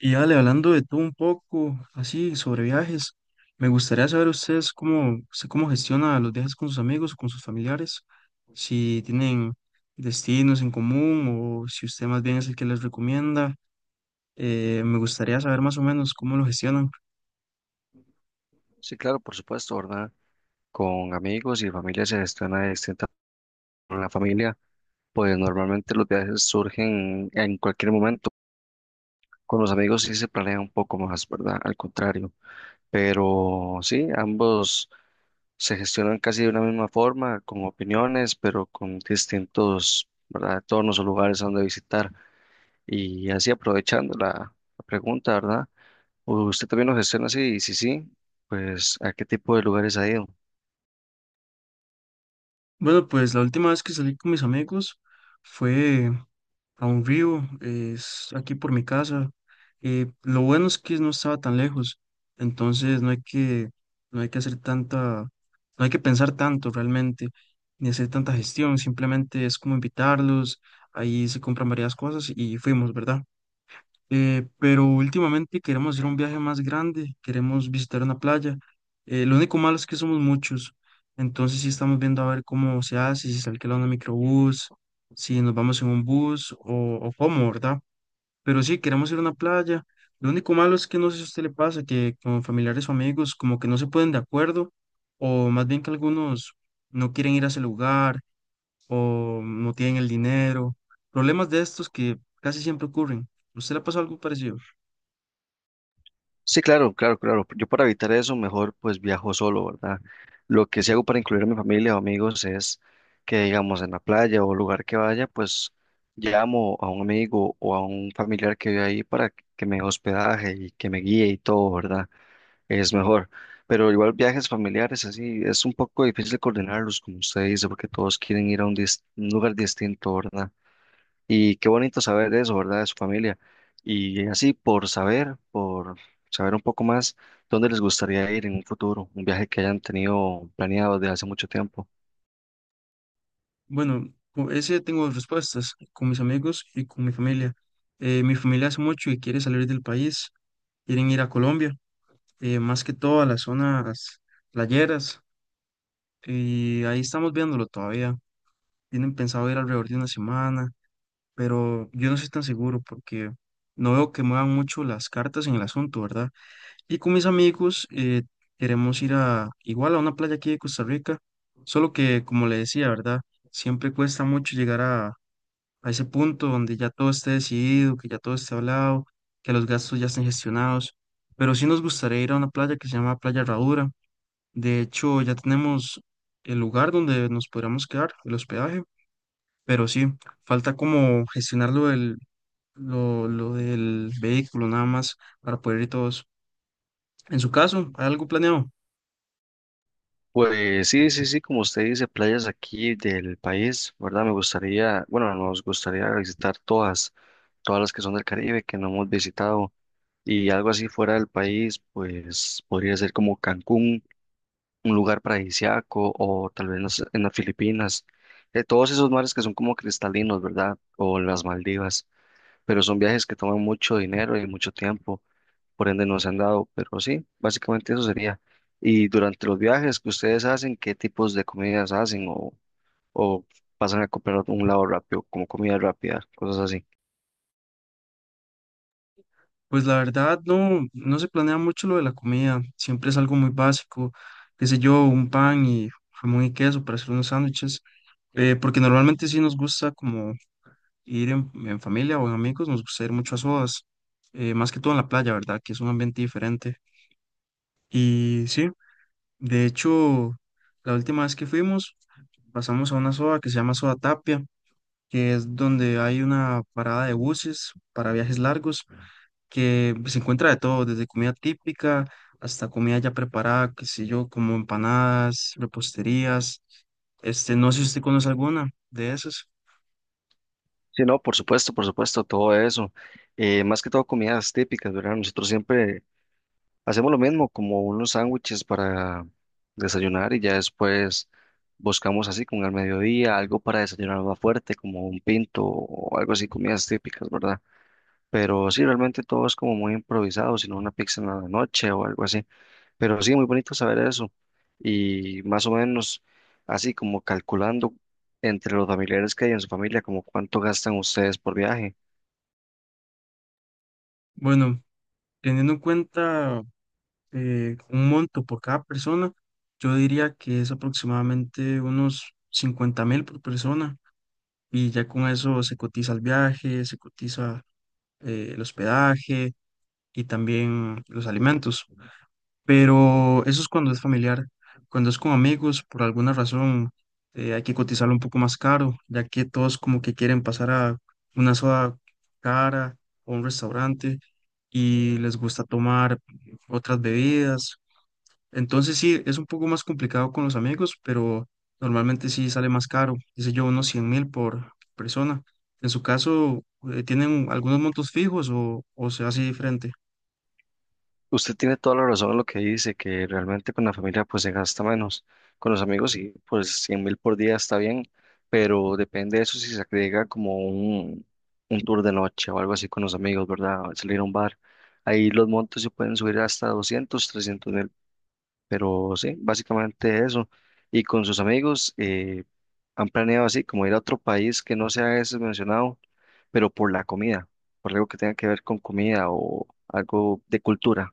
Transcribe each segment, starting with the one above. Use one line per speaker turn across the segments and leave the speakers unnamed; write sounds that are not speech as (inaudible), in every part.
Y dale, hablando de todo un poco, así sobre viajes, me gustaría saber usted cómo gestiona los viajes con sus amigos o con sus familiares, si tienen destinos en común o si usted más bien es el que les recomienda. Me gustaría saber más o menos cómo lo gestionan.
Sí, claro, por supuesto, ¿verdad? Con amigos y familia se gestiona de distinta con la familia, pues normalmente los viajes surgen en cualquier momento. Con los amigos sí se planea un poco más, ¿verdad? Al contrario. Pero sí, ambos se gestionan casi de una misma forma, con opiniones, pero con distintos, ¿verdad? Tonos o lugares a donde visitar. Y así aprovechando la pregunta, ¿verdad? ¿Usted también lo gestiona así? Y si sí, pues ¿a qué tipo de lugares ha ido?
Bueno, pues la última vez que salí con mis amigos fue a un río, es aquí por mi casa. Lo bueno es que no estaba tan lejos, entonces no hay que hacer tanta, no hay que pensar tanto realmente, ni hacer tanta gestión, simplemente es como invitarlos, ahí se compran varias cosas y fuimos, ¿verdad? Pero últimamente queremos hacer un viaje más grande, queremos visitar una playa. Lo único malo es que somos muchos, entonces sí estamos viendo a ver cómo se hace, si se alquila un microbús, si nos vamos en un bus o cómo, ¿verdad? Pero sí, queremos ir a una playa. Lo único malo es que no sé si a usted le pasa que con familiares o amigos como que no se ponen de acuerdo o más bien que algunos no quieren ir a ese lugar o no tienen el dinero. Problemas de estos que casi siempre ocurren. ¿Usted le ha pasado algo parecido?
Sí, claro, claro, claro. Yo para evitar eso, mejor pues viajo solo, ¿verdad? Lo que sí hago para incluir a mi familia o amigos es que, digamos, en la playa o lugar que vaya, pues llamo a un amigo o a un familiar que vive ahí para que me dé hospedaje y que me guíe y todo, ¿verdad? Es mejor. Pero igual viajes familiares, así, es un poco difícil coordinarlos, como usted dice, porque todos quieren ir a un, un lugar distinto, ¿verdad? Y qué bonito saber de eso, ¿verdad? De su familia. Y así, por saber un poco más, ¿dónde les gustaría ir en un futuro? Un viaje que hayan tenido planeado desde hace mucho tiempo.
Bueno, con ese tengo respuestas con mis amigos y con mi familia. Mi familia hace mucho y quiere salir del país, quieren ir a Colombia, más que todo a las zonas playeras, y ahí estamos viéndolo todavía. Tienen pensado ir alrededor de una semana, pero yo no estoy tan seguro porque no veo que muevan mucho las cartas en el asunto, ¿verdad? Y con mis amigos queremos ir a igual a una playa aquí de Costa Rica, solo que como le decía, ¿verdad? Siempre cuesta mucho llegar a ese punto donde ya todo esté decidido, que ya todo esté hablado, que los gastos ya estén gestionados. Pero sí nos gustaría ir a una playa que se llama Playa Herradura. De hecho, ya tenemos el lugar donde nos podríamos quedar, el hospedaje, pero sí, falta como gestionar lo del vehículo nada más para poder ir todos. En su caso, ¿hay algo planeado?
Pues sí, sí, sí, como usted dice, playas aquí del país, ¿verdad? Me gustaría, bueno, nos gustaría visitar todas, todas las que son del Caribe, que no hemos visitado. Y algo así fuera del país, pues podría ser como Cancún un lugar paradisíaco o tal vez en las Filipinas, todos esos mares que son como cristalinos, ¿verdad? O las Maldivas, pero son viajes que toman mucho dinero y mucho tiempo, por ende no se han dado, pero sí, básicamente eso sería. Y durante los viajes que ustedes hacen, ¿qué tipos de comidas hacen o pasan a comprar a un lado rápido, como comida rápida, cosas así?
Pues la verdad no se planea mucho lo de la comida, siempre es algo muy básico, qué sé yo, un pan y jamón y queso para hacer unos sándwiches, porque normalmente sí nos gusta como ir en familia o en amigos, nos gusta ir mucho a sodas, más que todo en la playa, ¿verdad? Que es un ambiente diferente. Y sí, de hecho, la última vez que fuimos, pasamos a una soda que se llama Soda Tapia, que es donde hay una parada de buses para viajes largos que pues, se encuentra de todo, desde comida típica hasta comida ya preparada, qué sé yo, como empanadas, reposterías. Este, no sé si usted conoce alguna de esas.
Sí, no, por supuesto, todo eso. Más que todo comidas típicas, ¿verdad? Nosotros siempre hacemos lo mismo, como unos sándwiches para desayunar y ya después buscamos así como al mediodía algo para desayunar más fuerte, como un pinto o algo así, comidas típicas, ¿verdad? Pero sí, realmente todo es como muy improvisado, sino una pizza en la noche o algo así. Pero sí, muy bonito saber eso. Y más o menos así como calculando entre los familiares que hay en su familia, como cuánto gastan ustedes por viaje.
Bueno, teniendo en cuenta un monto por cada persona, yo diría que es aproximadamente unos 50.000 por persona. Y ya con eso se cotiza el viaje, se cotiza el hospedaje y también los alimentos. Pero eso es cuando es familiar. Cuando es con amigos, por alguna razón, hay que cotizarlo un poco más caro, ya que todos como que quieren pasar a una soda cara o un restaurante y les gusta tomar otras bebidas. Entonces sí, es un poco más complicado con los amigos, pero normalmente sí sale más caro, dice yo, unos 100.000 por persona. En su caso, ¿tienen algunos montos fijos o se hace diferente?
Usted tiene toda la razón en lo que dice, que realmente con la familia pues se gasta menos. Con los amigos sí, pues 100.000 por día está bien, pero depende de eso si se agrega como un tour de noche o algo así con los amigos, ¿verdad? Salir a un bar. Ahí los montos se pueden subir hasta 200.000 300.000, pero sí, básicamente eso. Y con sus amigos han planeado así, como ir a otro país que no sea ese mencionado, pero por la comida, por algo que tenga que ver con comida o algo de cultura.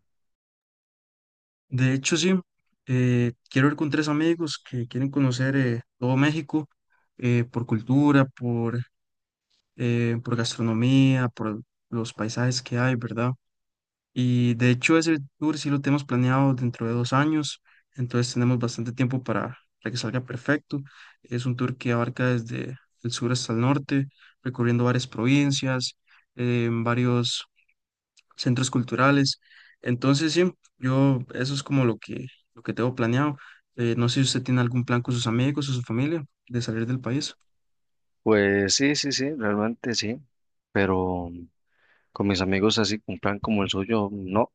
De hecho, sí, quiero ir con tres amigos que quieren conocer todo México por, cultura, por gastronomía, por los paisajes que hay, ¿verdad? Y de hecho ese tour sí lo tenemos planeado dentro de 2 años, entonces tenemos bastante tiempo para que salga perfecto. Es un tour que abarca desde el sur hasta el norte, recorriendo varias provincias, varios centros culturales. Entonces, sí, yo eso es como lo que tengo planeado. No sé si usted tiene algún plan con sus amigos o su familia de salir del país.
Pues sí, sí, sí, realmente sí, pero con mis amigos así, un plan como el suyo, no,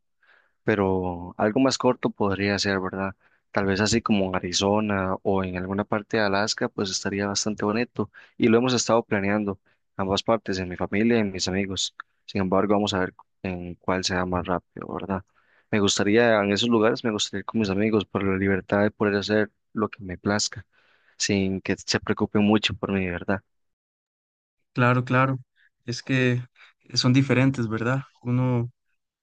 pero algo más corto podría ser, ¿verdad? Tal vez así como en Arizona o en alguna parte de Alaska, pues estaría bastante bonito y lo hemos estado planeando ambas partes, en mi familia y en mis amigos. Sin embargo, vamos a ver en cuál sea más rápido, ¿verdad? Me gustaría, en esos lugares, me gustaría ir con mis amigos por la libertad de poder hacer lo que me plazca, sin que se preocupen mucho por mí, ¿verdad?
Claro, claro. Es que son diferentes, ¿verdad? Uno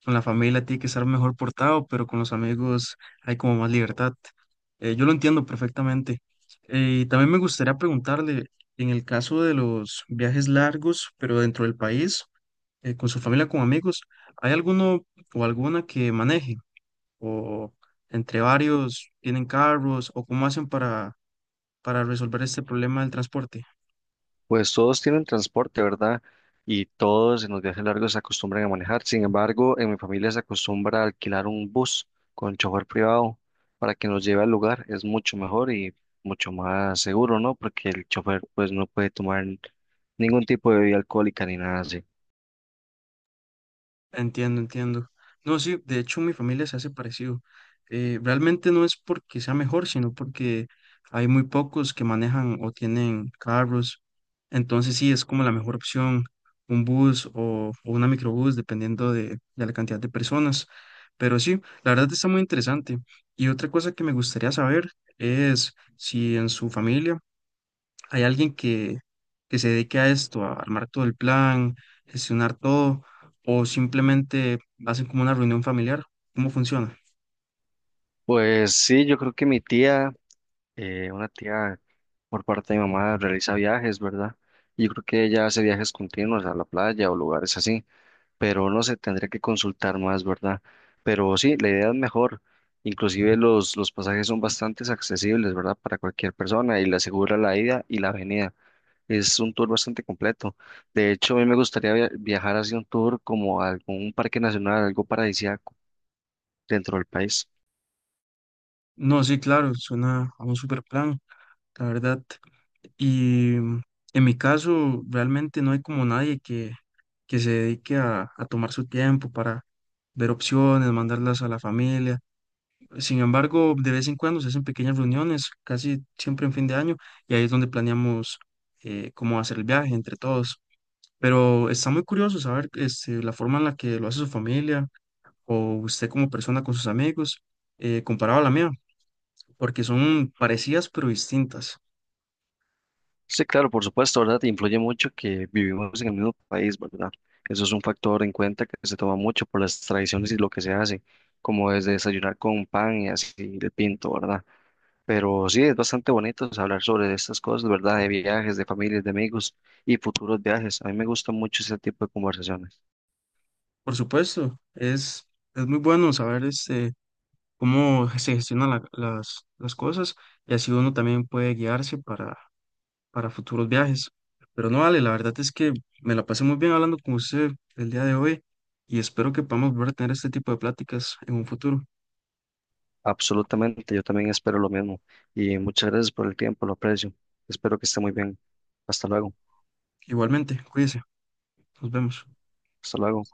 con la familia tiene que estar mejor portado, pero con los amigos hay como más libertad. Yo lo entiendo perfectamente. Y también me gustaría preguntarle, en el caso de los viajes largos, pero dentro del país, con su familia, con amigos, ¿hay alguno o alguna que maneje? ¿O entre varios tienen carros? ¿O cómo hacen para resolver este problema del transporte?
Pues todos tienen transporte, ¿verdad? Y todos en los viajes largos se acostumbran a manejar. Sin embargo, en mi familia se acostumbra a alquilar un bus con chofer privado para que nos lleve al lugar. Es mucho mejor y mucho más seguro, ¿no? Porque el chofer pues no puede tomar ningún tipo de bebida alcohólica ni nada así.
Entiendo, entiendo. No, sí, de hecho mi familia se hace parecido. Realmente no es porque sea mejor, sino porque hay muy pocos que manejan o tienen carros. Entonces sí, es como la mejor opción, un bus o una microbús, dependiendo de la cantidad de personas. Pero sí, la verdad está muy interesante. Y otra cosa que me gustaría saber es si en su familia hay alguien que se dedique a esto, a armar todo el plan, gestionar todo, o simplemente hacen como una reunión familiar. ¿Cómo funciona?
Pues sí, yo creo que mi tía, una tía por parte de mi mamá realiza viajes, ¿verdad? Y yo creo que ella hace viajes continuos a la playa o lugares así. Pero no sé, tendría que consultar más, ¿verdad? Pero sí, la idea es mejor. Inclusive los pasajes son bastante accesibles, ¿verdad? Para cualquier persona y le asegura la ida y la venida. Es un tour bastante completo. De hecho, a mí me gustaría viajar hacia un tour como a algún parque nacional, algo paradisíaco dentro del país.
No, sí, claro, suena a un super plan, la verdad. Y mm, en mi caso, realmente no hay como nadie que se dedique a tomar su tiempo para ver opciones, mandarlas a la familia. Sin embargo, de vez en cuando se hacen pequeñas reuniones, casi siempre en fin de año, y ahí es donde planeamos cómo hacer el viaje entre todos. Pero está muy curioso saber este, la forma en la que lo hace su familia o usted como persona con sus amigos comparado a la mía, porque son parecidas pero distintas.
Sí, claro, por supuesto, ¿verdad? Influye mucho que vivimos en el mismo país, ¿verdad? Eso es un factor en cuenta que se toma mucho por las tradiciones y lo que se hace, como desde desayunar con pan y así de pinto, ¿verdad? Pero sí, es bastante bonito pues, hablar sobre estas cosas, ¿verdad? De viajes, de familias, de amigos y futuros viajes. A mí me gusta mucho ese tipo de conversaciones.
Por supuesto, es muy bueno saber este, cómo (laughs) se gestionan las cosas y así uno también puede guiarse para futuros viajes. Pero no vale, la verdad es que me la pasé muy bien hablando con usted el día de hoy y espero que podamos volver a tener este tipo de pláticas en un futuro.
Absolutamente, yo también espero lo mismo. Y muchas gracias por el tiempo, lo aprecio. Espero que esté muy bien. Hasta luego,
Igualmente, cuídese, nos vemos.
hasta luego.